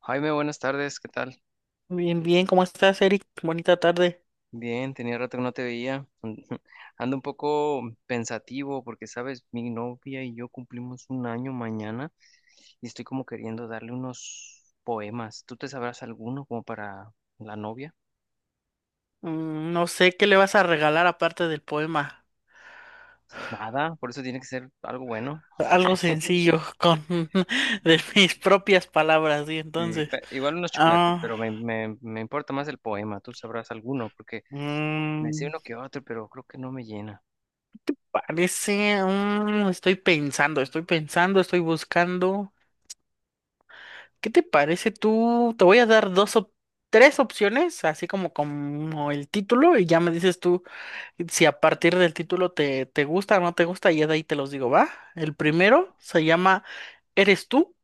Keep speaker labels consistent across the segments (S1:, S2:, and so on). S1: Jaime, buenas tardes, ¿qué tal?
S2: Bien, bien, ¿cómo estás, Eric? Bonita tarde.
S1: Bien, tenía rato que no te veía. Ando un poco pensativo porque, sabes, mi novia y yo cumplimos un año mañana y estoy como queriendo darle unos poemas. ¿Tú te sabrás alguno como para la novia?
S2: Mm, no sé qué le vas a regalar aparte del poema.
S1: Nada, por eso tiene que ser algo bueno.
S2: Algo sencillo, con de mis propias palabras, y
S1: Y,
S2: entonces.
S1: igual unos chocolates,
S2: Ah,
S1: pero me importa más el poema. Tú sabrás alguno porque me sé
S2: mm,
S1: uno que otro, pero creo que no me llena.
S2: Estoy pensando, estoy buscando. ¿Qué te parece tú? Te voy a dar dos o tres opciones, así como el título, y ya me dices tú si a partir del título te gusta o no te gusta, y ya de ahí te los digo, ¿va? El primero se llama. Eres tú,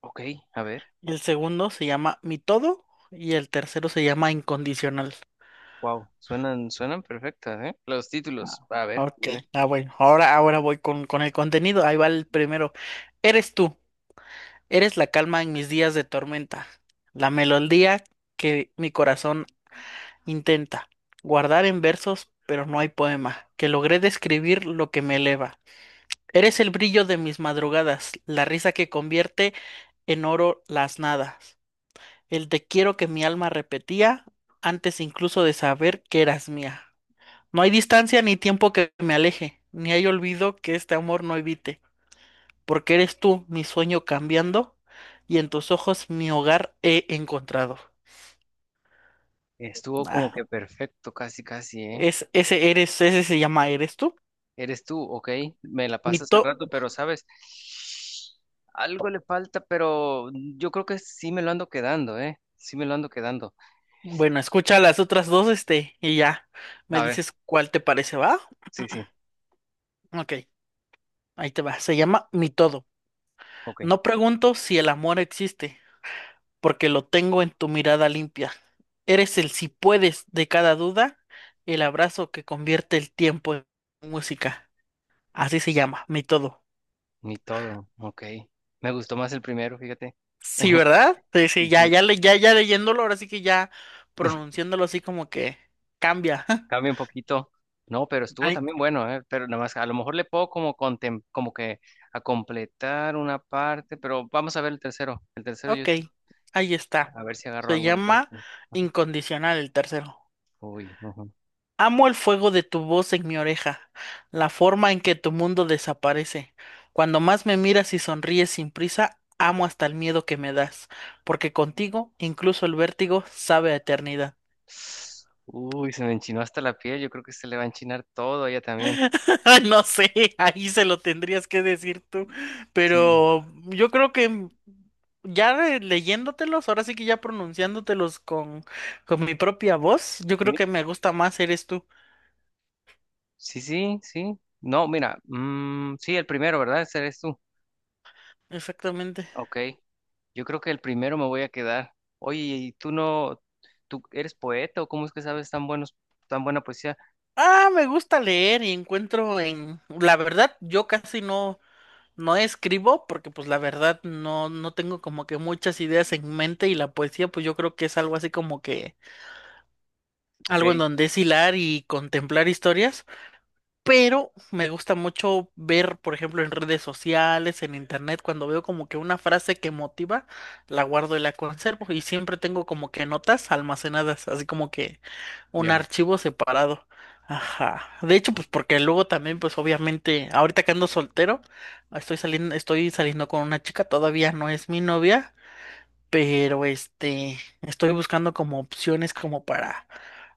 S1: Ok, a ver.
S2: el segundo se llama Mi Todo y el tercero se llama Incondicional.
S1: Wow, suenan perfectas, ¿eh? Los títulos.
S2: Ah,
S1: A ver,
S2: ok,
S1: dime.
S2: bueno, ahora, voy con el contenido, ahí va el primero. Eres tú, eres la calma en mis días de tormenta, la melodía que mi corazón intenta guardar en versos, pero no hay poema, que logré describir lo que me eleva. Eres el brillo de mis madrugadas, la risa que convierte en oro las nadas. El te quiero que mi alma repetía antes incluso de saber que eras mía. No hay distancia ni tiempo que me aleje, ni hay olvido que este amor no evite, porque eres tú mi sueño cambiando y en tus ojos mi hogar he encontrado.
S1: Estuvo como
S2: Ah,
S1: que perfecto, casi, casi, ¿eh?
S2: Ese ese se llama Eres tú.
S1: Eres tú, ok. Me la
S2: Mi
S1: pasas al
S2: to-
S1: rato, pero sabes, algo le falta, pero yo creo que sí me lo ando quedando, ¿eh? Sí me lo ando quedando.
S2: bueno, escucha las otras dos, y ya me
S1: A ver,
S2: dices cuál te parece, ¿va?
S1: sí, sí,
S2: Ok, ahí te va. Se llama Mi todo.
S1: ok.
S2: No pregunto si el amor existe, porque lo tengo en tu mirada limpia. Eres el si puedes de cada duda, el abrazo que convierte el tiempo en música. Así se llama, mi todo.
S1: Ni todo, ok. Me gustó más el primero, fíjate.
S2: Sí, ¿verdad? Sí, sí,
S1: Sí,
S2: ya,
S1: sí.
S2: ya, le- ya, ya leyéndolo, ahora sí que ya pronunciándolo así como que cambia.
S1: Cambia un poquito. No, pero estuvo
S2: Ay,
S1: también bueno, ¿eh? Pero nada más, a lo mejor le puedo como, como que a completar una parte, pero vamos a ver el tercero. El tercero yo
S2: ok,
S1: sí,
S2: ahí está.
S1: a ver si agarro
S2: Se
S1: algo del
S2: llama
S1: tercero.
S2: Incondicional el tercero.
S1: Uy, ujú.
S2: Amo el fuego de tu voz en mi oreja, la forma en que tu mundo desaparece. Cuando más me miras y sonríes sin prisa, amo hasta el miedo que me das, porque contigo incluso el vértigo sabe a eternidad.
S1: Uy, se me enchinó hasta la piel. Yo creo que se le va a enchinar todo a ella también.
S2: Ay, no sé, ahí se lo tendrías que decir tú,
S1: Sí,
S2: pero yo creo que leyéndotelos, ahora sí que ya pronunciándotelos con mi propia voz, yo creo
S1: sí.
S2: que me gusta más eres tú.
S1: Sí, sí, sí. No, mira, sí, el primero, ¿verdad? Ese eres tú.
S2: Exactamente.
S1: Ok. Yo creo que el primero me voy a quedar. Oye, ¿y tú no, tú eres poeta o cómo es que sabes tan buenos, tan buena poesía?
S2: Ah, me gusta leer y encuentro en... La verdad, yo casi no, no escribo porque pues la verdad no tengo como que muchas ideas en mente y la poesía pues yo creo que es algo así como que
S1: Ok,
S2: algo en donde es hilar y contemplar historias, pero me gusta mucho ver, por ejemplo, en redes sociales, en internet, cuando veo como que una frase que motiva, la guardo y la conservo y siempre tengo como que notas almacenadas, así como que... Un
S1: ya.
S2: archivo separado. Ajá. De hecho, pues porque luego también, pues obviamente, ahorita que ando soltero, estoy saliendo con una chica, todavía no es mi novia, pero estoy buscando como opciones como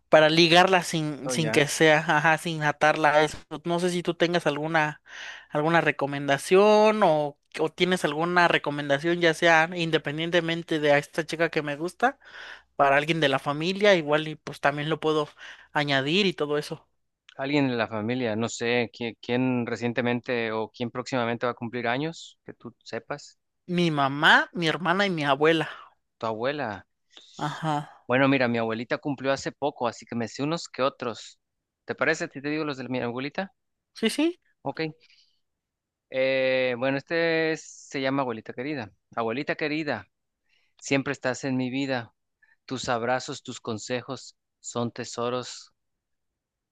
S2: para ligarla
S1: Oh,
S2: sin
S1: ya.
S2: que sea, ajá, sin atarla a eso. No sé si tú tengas alguna recomendación o tienes alguna recomendación, ya sea independientemente de a esta chica que me gusta para alguien de la familia, igual y pues también lo puedo añadir y todo eso.
S1: Alguien en la familia, no sé, ¿quién, quién recientemente o quién próximamente va a cumplir años, que tú sepas?
S2: Mi mamá, mi hermana y mi abuela.
S1: Tu abuela.
S2: Ajá.
S1: Bueno, mira, mi abuelita cumplió hace poco, así que me sé unos que otros. ¿Te parece si te digo los de mi abuelita?
S2: Sí, sí.
S1: Ok. Bueno, se llama Abuelita Querida. Abuelita querida, siempre estás en mi vida. Tus abrazos, tus consejos son tesoros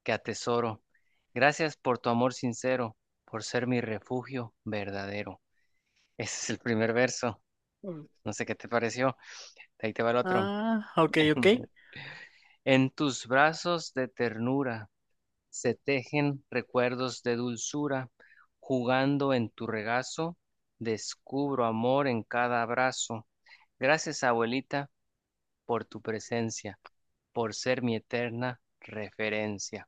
S1: que atesoro. Gracias por tu amor sincero, por ser mi refugio verdadero. Ese es el primer verso.
S2: Mm.
S1: No sé qué te pareció. De ahí te va el otro.
S2: Ah, ok, ok.
S1: En tus brazos de ternura, se tejen recuerdos de dulzura, jugando en tu regazo, descubro amor en cada abrazo. Gracias, abuelita, por tu presencia, por ser mi eterna referencia.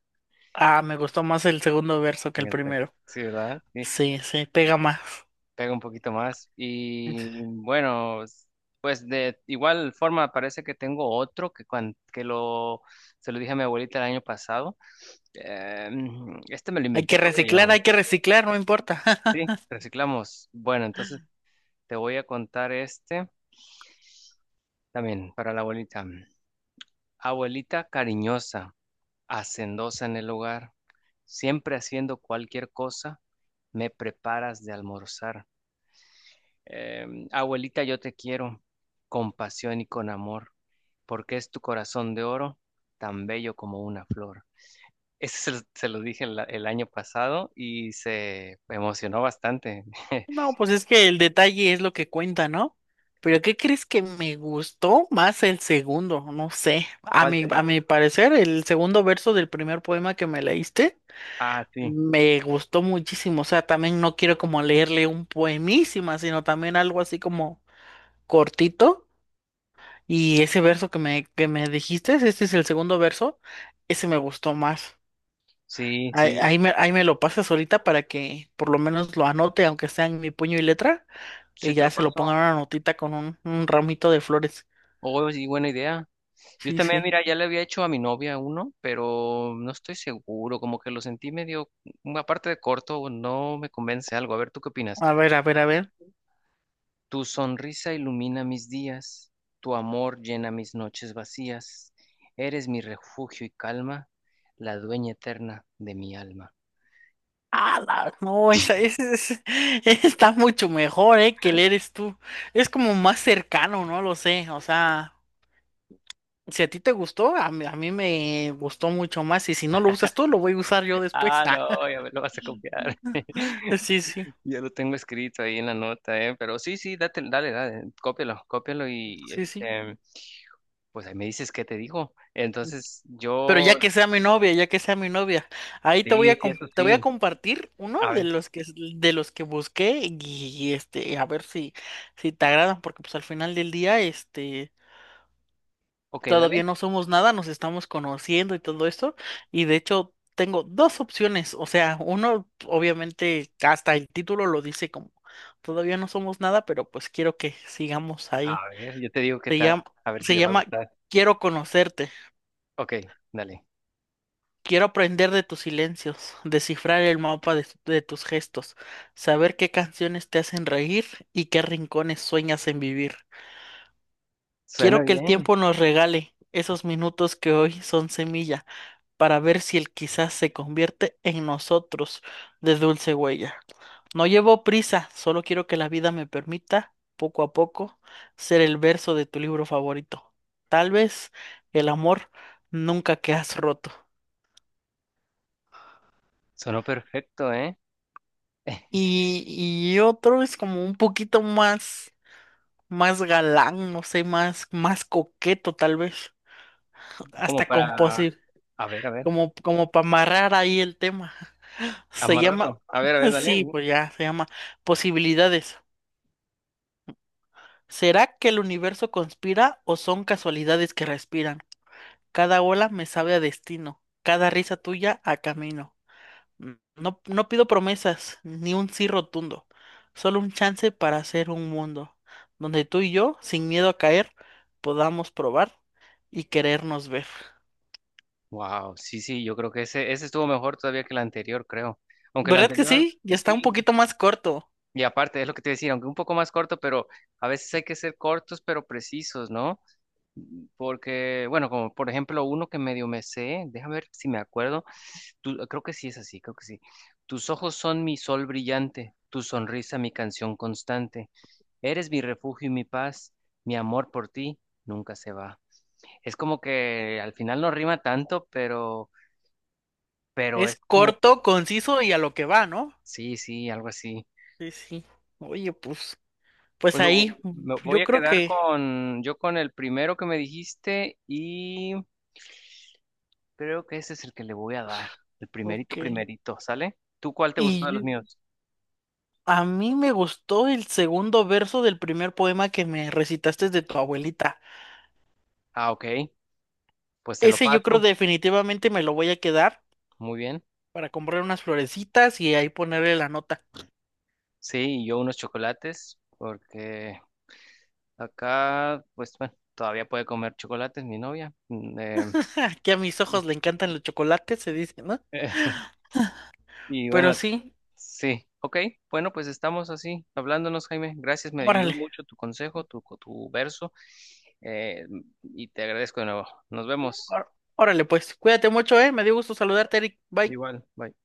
S2: Ah, me gustó más el segundo verso que
S1: En
S2: el
S1: el re-
S2: primero.
S1: Sí, ¿verdad? Sí,
S2: Sí, sí, pega más.
S1: pega un poquito más. Y bueno, s- pues de igual forma parece que tengo otro que, se lo dije a mi abuelita el año pasado. Este me lo inventé, creo que yo.
S2: Hay que reciclar, no importa.
S1: Sí, reciclamos. Bueno, entonces... Te voy a contar este también para la abuelita. Abuelita cariñosa, hacendosa en el hogar, siempre haciendo cualquier cosa, me preparas de almorzar. Abuelita, yo te quiero con pasión y con amor, porque es tu corazón de oro, tan bello como una flor. Ese se lo dije el año pasado y se emocionó bastante.
S2: No, pues es que el detalle es lo que cuenta, ¿no? Pero ¿qué crees que me gustó más el segundo? No sé.
S1: ¿Cuál te-
S2: A mi parecer, el segundo verso del primer poema que me leíste
S1: Ah, sí,
S2: me gustó muchísimo, o sea, también no quiero como leerle un poemísima, sino también algo así como cortito. Y ese verso que que me dijiste, este es el segundo verso, ese me gustó más.
S1: sí, sí,
S2: Ahí me lo pasas ahorita para que por lo menos lo anote, aunque sea en mi puño y letra,
S1: sí
S2: y
S1: te
S2: ya
S1: lo
S2: se lo pongan
S1: paso.
S2: una notita con un ramito de flores.
S1: Oh, sí, buena idea. Yo
S2: Sí,
S1: también,
S2: sí.
S1: mira, ya le había hecho a mi novia uno, pero no estoy seguro, como que lo sentí medio, mm, aparte de corto, no me convence algo. A ver, ¿tú qué opinas?
S2: A ver, a ver.
S1: Tu sonrisa ilumina mis días, tu amor llena mis noches vacías, eres mi refugio y calma, la dueña eterna de mi alma.
S2: Ah, no, esa, Ese- está mucho mejor, ¿eh? Que el eres tú. Es como más cercano, no lo sé. O sea, si a ti te gustó, a mí me gustó mucho más. Y si no lo usas tú, lo voy a usar yo después.
S1: Ah, no, ya me lo vas a copiar.
S2: Sí, sí,
S1: Ya lo tengo escrito ahí en la nota, ¿eh? Pero sí, sí, date, dale, dale, cópialo, cópialo y
S2: sí, sí.
S1: este, pues ahí me dices qué te digo. Entonces,
S2: Pero ya
S1: yo,
S2: que sea mi novia, ya que sea mi novia, ahí
S1: sí, sí, eso
S2: te voy a
S1: sí.
S2: compartir uno
S1: A ver,
S2: de los que busqué y, este a ver si si te agradan porque pues al final del día este
S1: ok,
S2: todavía
S1: dale.
S2: no somos nada, nos estamos conociendo y todo esto. Y de hecho, tengo dos opciones. O sea, uno, obviamente, hasta el título lo dice como todavía no somos nada, pero pues quiero que sigamos ahí.
S1: A ver, yo te digo qué
S2: Se
S1: tal.
S2: llama,
S1: A ver si
S2: Se
S1: le va a
S2: llama
S1: gustar.
S2: Quiero conocerte.
S1: Ok, dale.
S2: Quiero aprender de tus silencios, descifrar el mapa de tus gestos, saber qué canciones te hacen reír y qué rincones sueñas en vivir.
S1: Suena
S2: Quiero que el
S1: bien.
S2: tiempo nos regale esos minutos que hoy son semilla para ver si él quizás se convierte en nosotros de dulce huella. No llevo prisa, solo quiero que la vida me permita, poco a poco, ser el verso de tu libro favorito. Tal vez el amor nunca que has roto.
S1: Sonó perfecto, ¿eh?
S2: Y, y otro es como un poquito más, más galán, no sé, más coqueto tal vez,
S1: Como
S2: hasta
S1: para,
S2: composi,
S1: a ver,
S2: como para amarrar ahí el tema. Se llama,
S1: amarrarlo. A ver, dale.
S2: sí, pues ya, se llama Posibilidades. ¿Será que el universo conspira o son casualidades que respiran? Cada ola me sabe a destino, cada risa tuya a camino. No pido promesas, ni un sí rotundo, solo un chance para hacer un mundo donde tú y yo, sin miedo a caer, podamos probar y querernos ver.
S1: Wow, sí, sí, yo creo que ese estuvo mejor todavía que el anterior, creo. Aunque el
S2: ¿Verdad que
S1: anterior,
S2: sí? Ya está un
S1: sí.
S2: poquito más corto.
S1: Y aparte, es lo que te decía, aunque un poco más corto, pero a veces hay que ser cortos, pero precisos, ¿no? Porque, bueno, como por ejemplo uno que medio me sé, déjame ver si me acuerdo, tú- creo que sí es así, creo que sí. Tus ojos son mi sol brillante, tu sonrisa mi canción constante, eres mi refugio y mi paz, mi amor por ti nunca se va. Es como que al final no rima tanto, pero es
S2: Es
S1: como,
S2: corto, conciso y a lo que va, ¿no?
S1: sí, sí, algo así.
S2: Sí, sí. Oye, pues ahí,
S1: Me voy
S2: yo
S1: a
S2: creo
S1: quedar
S2: que,
S1: con, yo con el primero que me dijiste. Creo que ese es el que le voy a dar. El primerito,
S2: ok.
S1: primerito, ¿sale? ¿Tú cuál te gustó de los
S2: Y,
S1: míos?
S2: a mí me gustó el segundo verso del primer poema que me recitaste de tu abuelita.
S1: Ah, ok. Pues te lo
S2: Ese yo creo
S1: paso.
S2: definitivamente me lo voy a quedar
S1: Muy bien.
S2: para comprar unas florecitas y ahí ponerle la nota.
S1: Sí, y yo unos chocolates, porque acá, pues bueno, todavía puede comer chocolates mi novia.
S2: Que a mis ojos le encantan los chocolates, se dice, ¿no?
S1: Y
S2: Pero
S1: bueno,
S2: sí,
S1: sí. Ok, bueno, pues estamos así, hablándonos, Jaime. Gracias, me ayudó
S2: órale,
S1: mucho tu consejo, tu verso. Eh, y te agradezco de nuevo. Nos vemos.
S2: ór- órale pues. Cuídate mucho, ¿eh? Me dio gusto saludarte, Eric. Bye.
S1: Igual, bye.